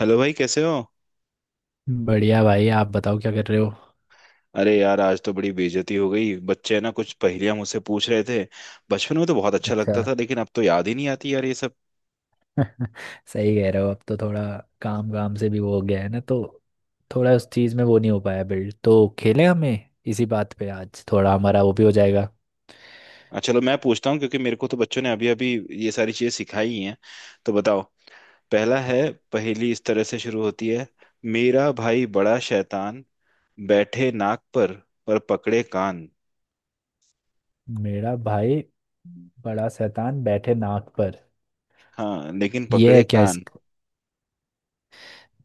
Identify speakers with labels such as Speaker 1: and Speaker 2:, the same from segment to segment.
Speaker 1: Hello भाई, कैसे हो।
Speaker 2: बढ़िया भाई। आप बताओ क्या कर रहे हो?
Speaker 1: अरे यार, आज तो बड़ी बेइज्जती हो गई। बच्चे ना कुछ पहेलियां मुझसे पूछ रहे थे। बचपन में तो बहुत अच्छा
Speaker 2: अच्छा।
Speaker 1: लगता था, लेकिन अब तो याद ही नहीं आती यार ये सब।
Speaker 2: सही कह रहे हो। अब तो थोड़ा काम काम से भी वो हो गया है ना, तो थोड़ा उस चीज़ में वो नहीं हो पाया। बिल्ड तो खेलें हमें, इसी बात पे आज थोड़ा हमारा वो भी हो जाएगा।
Speaker 1: अच्छा, चलो मैं पूछता हूँ, क्योंकि मेरे को तो बच्चों ने अभी अभी ये सारी चीजें सिखाई ही हैं। तो बताओ, पहला है। पहेली इस तरह से शुरू होती है। मेरा भाई बड़ा शैतान, बैठे नाक पर पकड़े कान।
Speaker 2: मेरा भाई बड़ा शैतान, बैठे नाक पर।
Speaker 1: हाँ, लेकिन
Speaker 2: ये है
Speaker 1: पकड़े
Speaker 2: क्या? इस
Speaker 1: कान।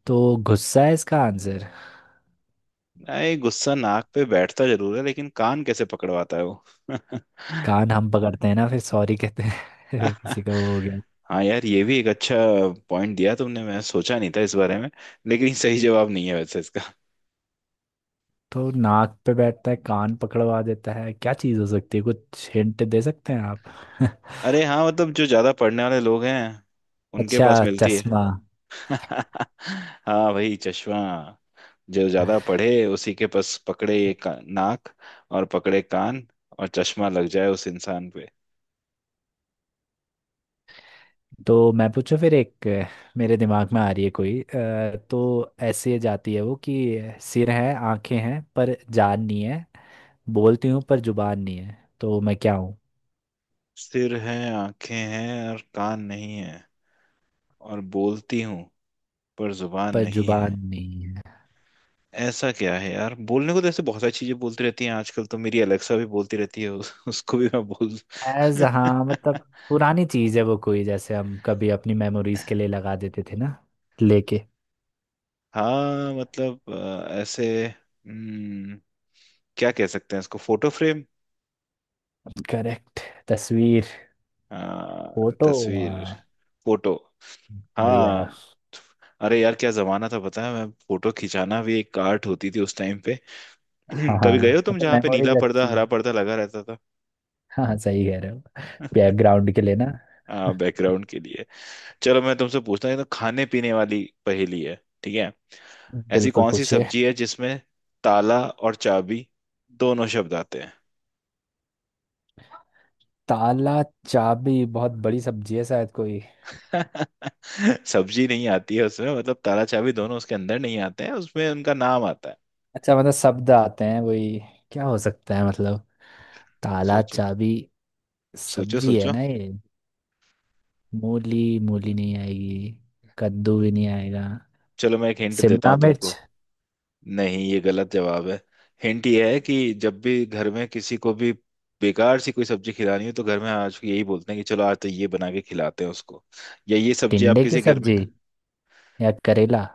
Speaker 2: तो गुस्सा है इसका आंसर।
Speaker 1: अरे, गुस्सा नाक पे बैठता जरूर है, लेकिन कान कैसे पकड़वाता है वो।
Speaker 2: कान हम पकड़ते हैं ना फिर सॉरी कहते हैं। किसी का वो हो।
Speaker 1: हाँ यार, ये भी एक अच्छा पॉइंट दिया तुमने, मैं सोचा नहीं था इस बारे में। लेकिन सही जवाब नहीं है वैसे इसका।
Speaker 2: तो नाक पे बैठता है, कान पकड़वा देता है, क्या चीज हो सकती है? कुछ हिंट दे सकते हैं आप?
Speaker 1: अरे हाँ, मतलब जो ज्यादा पढ़ने वाले लोग हैं, उनके
Speaker 2: अच्छा,
Speaker 1: पास मिलती
Speaker 2: चश्मा।
Speaker 1: है। हाँ भाई, चश्मा। जो ज्यादा पढ़े उसी के पास पकड़े ये का, नाक और पकड़े कान, और चश्मा लग जाए उस इंसान पे।
Speaker 2: तो मैं पूछूं फिर एक मेरे दिमाग में आ रही है कोई। तो ऐसे जाती है वो कि सिर है, आंखें हैं पर जान नहीं है, बोलती हूँ पर जुबान नहीं है, तो मैं क्या हूँ?
Speaker 1: सिर है, आंखें हैं और कान नहीं है, और बोलती हूँ पर जुबान
Speaker 2: पर
Speaker 1: नहीं।
Speaker 2: जुबान नहीं है।
Speaker 1: ऐसा क्या है यार, बोलने को तो ऐसे बहुत सारी चीजें बोलती रहती हैं। आजकल तो मेरी अलेक्सा भी बोलती रहती है, उसको भी मैं बोल।
Speaker 2: एज हाँ, मतलब पुरानी चीज है वो, कोई जैसे हम कभी अपनी मेमोरीज के लिए लगा देते थे ना, लेके।
Speaker 1: हाँ मतलब ऐसे क्या कह सकते हैं इसको, फोटो फ्रेम।
Speaker 2: करेक्ट। तस्वीर।
Speaker 1: हाँ,
Speaker 2: फोटो।
Speaker 1: तस्वीर।
Speaker 2: हाँ।
Speaker 1: फोटो। हाँ।
Speaker 2: बढ़िया।
Speaker 1: अरे यार, क्या जमाना था पता है। मैं, फोटो खिंचाना भी एक आर्ट होती थी उस टाइम पे।
Speaker 2: हाँ हाँ,
Speaker 1: कभी गए हो तुम
Speaker 2: मतलब
Speaker 1: जहाँ पे नीला
Speaker 2: मेमोरीज
Speaker 1: पर्दा,
Speaker 2: अच्छी।
Speaker 1: हरा पर्दा लगा रहता था।
Speaker 2: हाँ हाँ, सही कह रहे हो। बैकग्राउंड के लिए ना।
Speaker 1: बैकग्राउंड के लिए। चलो, मैं तुमसे पूछता हूँ। ये तो खाने पीने वाली पहेली है, ठीक है। ऐसी
Speaker 2: बिल्कुल,
Speaker 1: कौन सी
Speaker 2: पूछिए।
Speaker 1: सब्जी है जिसमें ताला और चाबी दोनों शब्द आते हैं।
Speaker 2: ताला चाबी बहुत बड़ी सब्जी है शायद कोई।
Speaker 1: सब्जी नहीं आती है उसमें, मतलब ताला चाबी दोनों उसके अंदर नहीं आते हैं, उसमें उनका नाम आता है।
Speaker 2: अच्छा, मतलब शब्द आते हैं वही। क्या हो सकता है, मतलब? ताला
Speaker 1: सोचो,
Speaker 2: चाबी।
Speaker 1: सोचो,
Speaker 2: सब्जी है
Speaker 1: सोचो।
Speaker 2: ना ये? मूली मूली नहीं आएगी। कद्दू भी नहीं आएगा।
Speaker 1: चलो, मैं एक हिंट देता
Speaker 2: शिमला
Speaker 1: हूँ तुमको।
Speaker 2: मिर्च।
Speaker 1: नहीं, ये गलत जवाब है। हिंट ये है कि जब भी घर में किसी को भी बेकार सी कोई सब्जी खिलानी हो, तो घर में आज यही बोलते हैं कि चलो आज तो ये बना के खिलाते हैं उसको, या ये सब्जी आप
Speaker 2: टिंडे की
Speaker 1: किसी घर में।
Speaker 2: सब्जी, या करेला।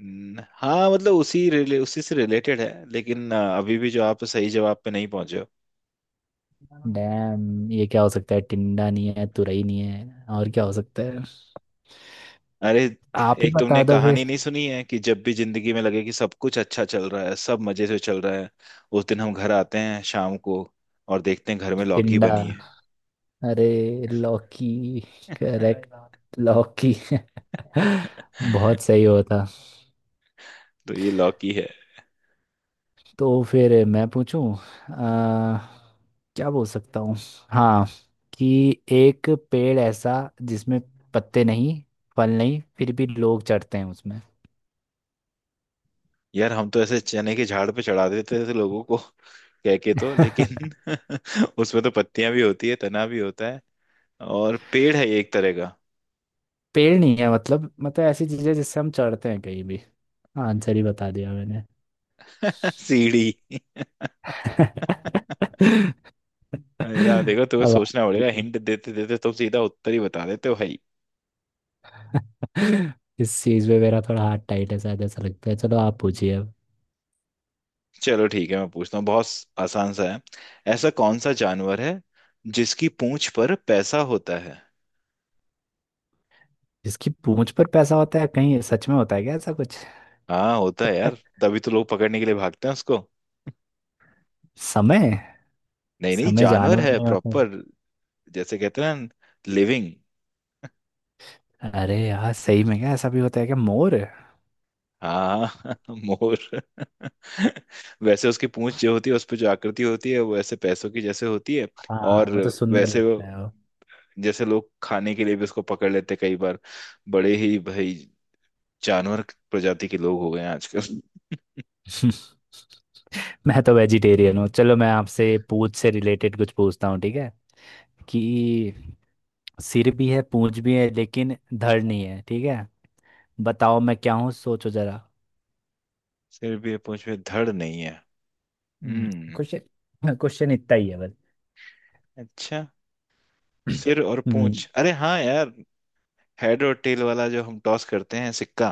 Speaker 1: हाँ, मतलब उसी से रिलेटेड है, लेकिन अभी भी जो आप सही जवाब पे नहीं पहुंचे हो।
Speaker 2: डैम, ये क्या हो सकता है? टिंडा नहीं है, तुरई नहीं है, और क्या हो सकता है?
Speaker 1: अरे,
Speaker 2: आप ही
Speaker 1: एक तुमने
Speaker 2: बता दो
Speaker 1: कहानी
Speaker 2: फिर।
Speaker 1: नहीं सुनी है कि जब भी जिंदगी में लगे कि सब कुछ अच्छा चल रहा है, सब मजे से चल रहा है, उस दिन हम घर आते हैं शाम को और देखते हैं घर में लौकी
Speaker 2: टिंडा।
Speaker 1: बनी है।
Speaker 2: अरे लौकी। करेक्ट। लौकी। बहुत सही होता।
Speaker 1: तो ये लौकी है।
Speaker 2: तो फिर मैं पूछूं आ, क्या बोल सकता हूँ। हाँ, कि एक पेड़ ऐसा जिसमें पत्ते नहीं, फल नहीं, फिर भी लोग चढ़ते हैं उसमें।
Speaker 1: यार, हम तो ऐसे चने के झाड़ पे चढ़ा देते थे लोगों को कह के तो, लेकिन उसमें तो पत्तियां भी होती है, तना भी होता है, और पेड़ है ये एक तरह
Speaker 2: पेड़ नहीं है, मतलब ऐसी चीजें जिससे हम चढ़ते हैं कहीं भी। आंसर ही बता दिया मैंने।
Speaker 1: का। सीढ़ी। यार देखो, तुम्हें
Speaker 2: अब आप
Speaker 1: सोचना पड़ेगा।
Speaker 2: पूछिए।
Speaker 1: हिंट देते देते तुम सीधा उत्तर ही बता देते हो भाई।
Speaker 2: इस चीज में मेरा थोड़ा हाथ टाइट है शायद, ऐसा लगता है। चलो आप पूछिए अब।
Speaker 1: चलो ठीक है, मैं पूछता हूँ। बहुत आसान सा है। ऐसा कौन सा जानवर है जिसकी पूंछ पर पैसा होता है।
Speaker 2: जिसकी पूंछ पर पैसा होता है, कहीं सच में होता है क्या ऐसा कुछ?
Speaker 1: हाँ, होता है यार, तभी तो लोग पकड़ने के लिए भागते हैं उसको।
Speaker 2: समय।
Speaker 1: नहीं नहीं,
Speaker 2: समय
Speaker 1: जानवर
Speaker 2: जानवर
Speaker 1: है
Speaker 2: में होता है।
Speaker 1: प्रॉपर। जैसे कहते हैं ना, लिविंग।
Speaker 2: अरे यार सही में क्या ऐसा भी होता है क्या? मोर?
Speaker 1: हाँ मोर। वैसे उसकी पूंछ जो होती है, उस पर जो आकृति होती है वो ऐसे पैसों की जैसे होती है।
Speaker 2: हाँ,
Speaker 1: और
Speaker 2: वो तो सुंदर
Speaker 1: वैसे
Speaker 2: लगता
Speaker 1: वो,
Speaker 2: है वो।
Speaker 1: जैसे लोग खाने के लिए भी उसको पकड़ लेते हैं कई बार। बड़े ही भाई जानवर प्रजाति के लोग हो गए हैं आजकल।
Speaker 2: मैं तो वेजिटेरियन हूँ। चलो, मैं आपसे पूंछ से रिलेटेड कुछ पूछता हूँ, ठीक है? कि सिर भी है, पूंछ भी है, लेकिन धड़ नहीं है, ठीक है? बताओ मैं क्या हूँ, सोचो जरा।
Speaker 1: सिर भी है, पूंछ में धड़ नहीं है।
Speaker 2: हम्म,
Speaker 1: हम्म
Speaker 2: क्वेश्चन क्वेश्चन इतना ही है बस।
Speaker 1: अच्छा, सिर और
Speaker 2: हम्म।
Speaker 1: पूंछ, अरे हाँ यार, हेड और टेल वाला जो हम टॉस करते हैं, सिक्का।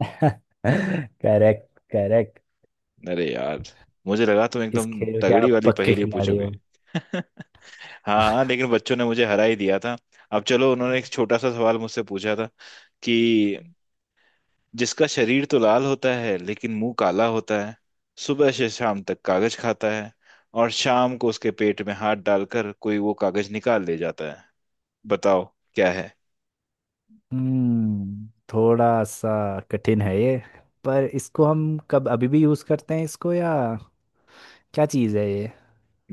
Speaker 2: Correct correct.
Speaker 1: अरे यार, मुझे लगा तुम
Speaker 2: इस
Speaker 1: एकदम
Speaker 2: खेल के
Speaker 1: तगड़ी
Speaker 2: आप
Speaker 1: वाली
Speaker 2: पक्के
Speaker 1: पहेली
Speaker 2: खिलाड़ी
Speaker 1: पूछोगे।
Speaker 2: हो।
Speaker 1: हाँ हाँ, लेकिन बच्चों ने मुझे हरा ही दिया था। अब चलो, उन्होंने एक छोटा सा सवाल मुझसे पूछा था कि जिसका शरीर तो लाल होता है लेकिन मुंह काला होता है, सुबह से शाम तक कागज खाता है, और शाम को उसके पेट में हाथ डालकर कोई वो कागज निकाल ले जाता है। बताओ, क्या है।
Speaker 2: हम्म थोड़ा सा कठिन है ये। पर इसको हम कब अभी भी यूज करते हैं इसको, या क्या चीज है ये?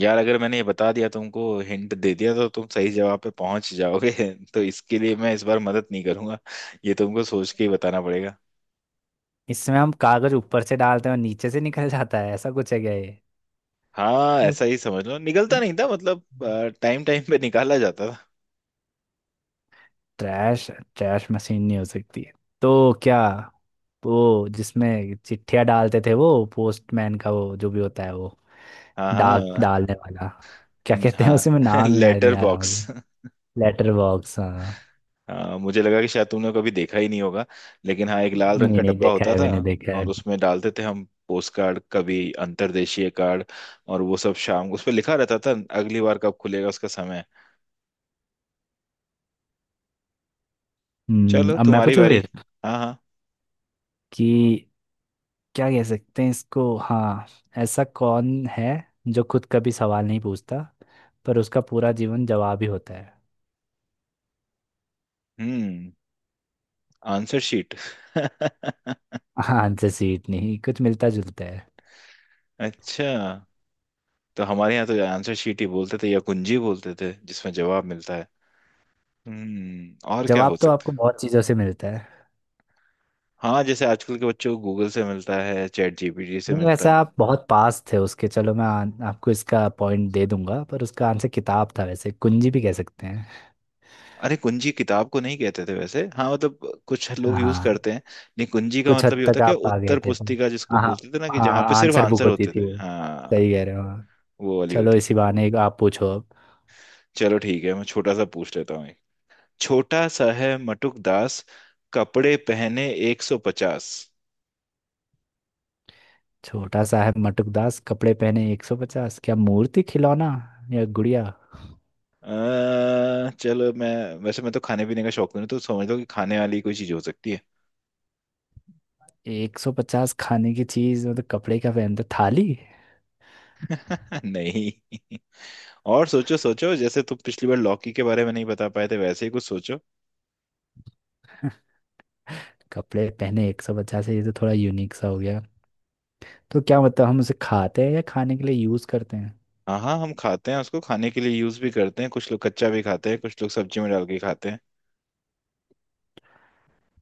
Speaker 1: यार, अगर मैंने ये बता दिया तुमको, हिंट दे दिया, तो तुम सही जवाब पे पहुंच जाओगे। तो इसके लिए मैं इस बार मदद नहीं करूंगा। ये तुमको सोच के ही बताना पड़ेगा।
Speaker 2: इसमें हम कागज ऊपर से डालते हैं और नीचे से निकल जाता है, ऐसा कुछ है क्या ये?
Speaker 1: हाँ, ऐसा ही समझ लो। निकलता नहीं था, मतलब टाइम टाइम पे निकाला जाता था।
Speaker 2: ट्रैश। ट्रैश मशीन नहीं हो सकती है? तो क्या, वो जिसमें चिट्ठियां डालते थे वो, पोस्टमैन का वो जो भी होता है वो,
Speaker 1: हाँ,
Speaker 2: डाक
Speaker 1: हाँ,
Speaker 2: डालने वाला, क्या कहते हैं उसे, मैं
Speaker 1: हाँ।
Speaker 2: नाम याद
Speaker 1: लेटर
Speaker 2: नहीं आ रहा मुझे।
Speaker 1: बॉक्स।
Speaker 2: लेटर बॉक्स, हाँ।
Speaker 1: हाँ, मुझे लगा कि शायद तुमने कभी देखा ही नहीं होगा। लेकिन हाँ, एक लाल रंग
Speaker 2: नहीं
Speaker 1: का
Speaker 2: नहीं,
Speaker 1: डब्बा
Speaker 2: देखा
Speaker 1: होता
Speaker 2: है
Speaker 1: था,
Speaker 2: मैंने, देखा
Speaker 1: और
Speaker 2: है।
Speaker 1: उसमें डालते थे हम पोस्ट कार्ड, कभी अंतर्देशीय कार्ड। और वो सब शाम को, उस पर लिखा रहता था अगली बार कब खुलेगा, उसका समय। चलो,
Speaker 2: अब मैं
Speaker 1: तुम्हारी
Speaker 2: पूछूं
Speaker 1: बारी।
Speaker 2: फिर
Speaker 1: हाँ हाँ।
Speaker 2: कि क्या कह सकते हैं इसको, हाँ। ऐसा कौन है जो खुद कभी सवाल नहीं पूछता, पर उसका पूरा जीवन जवाब ही होता है?
Speaker 1: हम्म आंसर शीट।
Speaker 2: हाँ, आंसर सीट नहीं, कुछ मिलता जुलता है।
Speaker 1: अच्छा, तो हमारे यहाँ तो आंसर शीट ही बोलते थे, या कुंजी बोलते थे जिसमें जवाब मिलता है। हम्म, और क्या हो
Speaker 2: जवाब तो
Speaker 1: सकता
Speaker 2: आपको
Speaker 1: है।
Speaker 2: बहुत चीज़ों से मिलता है।
Speaker 1: हाँ, जैसे आजकल के बच्चों को गूगल से मिलता है, चैट जीपीटी से
Speaker 2: नहीं,
Speaker 1: मिलता
Speaker 2: वैसे
Speaker 1: है।
Speaker 2: आप बहुत पास थे उसके। चलो, मैं आपको इसका पॉइंट दे दूंगा, पर उसका आंसर किताब था, वैसे कुंजी भी कह सकते हैं।
Speaker 1: अरे, कुंजी किताब को नहीं कहते थे वैसे। हाँ मतलब कुछ लोग यूज
Speaker 2: हाँ।
Speaker 1: करते हैं। नहीं, कुंजी का
Speaker 2: कुछ
Speaker 1: मतलब
Speaker 2: हद
Speaker 1: ये होता
Speaker 2: तक
Speaker 1: है कि
Speaker 2: आप आ गए
Speaker 1: उत्तर
Speaker 2: थे तुम।
Speaker 1: पुस्तिका जिसको
Speaker 2: हाँ हाँ।
Speaker 1: बोलते थे ना, कि
Speaker 2: हाँ
Speaker 1: जहाँ पे
Speaker 2: हाँ,
Speaker 1: सिर्फ
Speaker 2: आंसर बुक
Speaker 1: आंसर
Speaker 2: होती
Speaker 1: होते
Speaker 2: थी
Speaker 1: थे।
Speaker 2: वो।
Speaker 1: हाँ,
Speaker 2: सही कह रहे हो, हाँ।
Speaker 1: वो वाली
Speaker 2: चलो,
Speaker 1: होती
Speaker 2: इसी
Speaker 1: थी।
Speaker 2: बहाने एक आप पूछो अब।
Speaker 1: चलो ठीक है, मैं छोटा सा पूछ लेता हूँ एक। छोटा सा है मटुक दास, कपड़े पहने 150।
Speaker 2: छोटा सा है मटुकदास कपड़े पहने 150, क्या मूर्ति, खिलौना, या गुड़िया?
Speaker 1: अः चलो मैं, वैसे मैं तो खाने पीने का शौकीन हूँ, तो समझ लो कि खाने वाली कोई चीज हो सकती है।
Speaker 2: 150 खाने की चीज, मतलब कपड़े क्या पहनते, थाली?
Speaker 1: नहीं, और सोचो सोचो। जैसे तुम पिछली बार लौकी के बारे में नहीं बता पाए थे, वैसे ही कुछ सोचो।
Speaker 2: कपड़े पहने 150 है, ये तो थोड़ा यूनिक सा हो गया। तो क्या मतलब हम उसे खाते हैं, या खाने के लिए यूज करते हैं?
Speaker 1: हाँ हाँ, हम खाते हैं उसको, खाने के लिए यूज भी करते हैं। कुछ लोग कच्चा भी खाते हैं, कुछ लोग सब्जी में डाल के खाते हैं।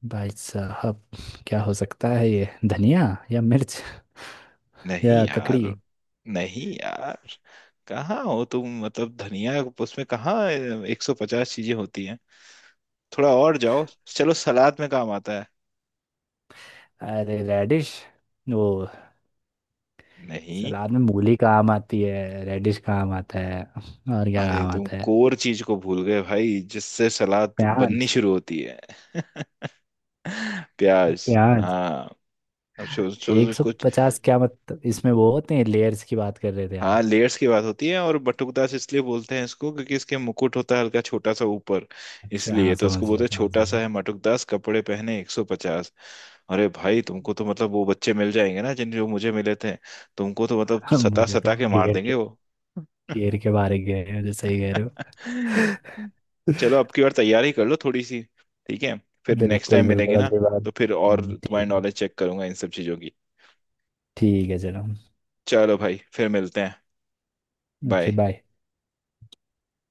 Speaker 2: भाई साहब, क्या हो सकता है ये, धनिया? या मिर्च?
Speaker 1: नहीं
Speaker 2: या
Speaker 1: यार,
Speaker 2: ककड़ी?
Speaker 1: नहीं यार, कहाँ हो तुम। मतलब धनिया उसमें कहाँ एक सौ पचास चीजें होती हैं। थोड़ा और जाओ, चलो सलाद में काम आता है।
Speaker 2: अरे रेडिश, वो।
Speaker 1: नहीं।
Speaker 2: सलाद में मूली काम आती है, रेडिश काम आता है, और क्या
Speaker 1: अरे,
Speaker 2: काम
Speaker 1: तुम
Speaker 2: आता है?
Speaker 1: कोर चीज को भूल गए भाई, जिससे सलाद बननी
Speaker 2: प्याज।
Speaker 1: शुरू होती है। प्याज,
Speaker 2: प्याज
Speaker 1: हाँ। अब सोच सोच
Speaker 2: एक सौ
Speaker 1: उसको।
Speaker 2: पचास क्या मतलब इसमें वो होते हैं, लेयर्स की बात कर रहे थे
Speaker 1: हाँ,
Speaker 2: आप?
Speaker 1: लेयर्स की बात होती है। और बटुकदास इसलिए बोलते हैं इसको क्योंकि इसके मुकुट होता है, हल्का छोटा सा ऊपर।
Speaker 2: अच्छा
Speaker 1: इसलिए
Speaker 2: हाँ,
Speaker 1: तो इसको
Speaker 2: समझ
Speaker 1: बोलते
Speaker 2: गया
Speaker 1: हैं,
Speaker 2: समझ
Speaker 1: छोटा
Speaker 2: गया।
Speaker 1: सा है मटुकदास कपड़े पहने 150। अरे भाई, तुमको तो मतलब वो बच्चे मिल जाएंगे ना, जिन जो मुझे मिले थे। तुमको तो मतलब सता
Speaker 2: मुझे
Speaker 1: सता
Speaker 2: तो
Speaker 1: के मार
Speaker 2: घेर
Speaker 1: देंगे
Speaker 2: के,
Speaker 1: वो।
Speaker 2: घेर के बारे गए हैं मुझे, सही कह रहे हो।
Speaker 1: चलो, अब की बार तैयारी कर लो थोड़ी सी, ठीक है। फिर नेक्स्ट टाइम
Speaker 2: बिल्कुल बिल्कुल,
Speaker 1: मिलेंगे ना,
Speaker 2: अगली बार
Speaker 1: तो फिर और तुम्हारी
Speaker 2: ठीक है।
Speaker 1: नॉलेज चेक करूंगा इन सब चीजों की।
Speaker 2: ठीक है चलो।
Speaker 1: चलो भाई, फिर मिलते हैं।
Speaker 2: Okay,
Speaker 1: bye.
Speaker 2: बाय।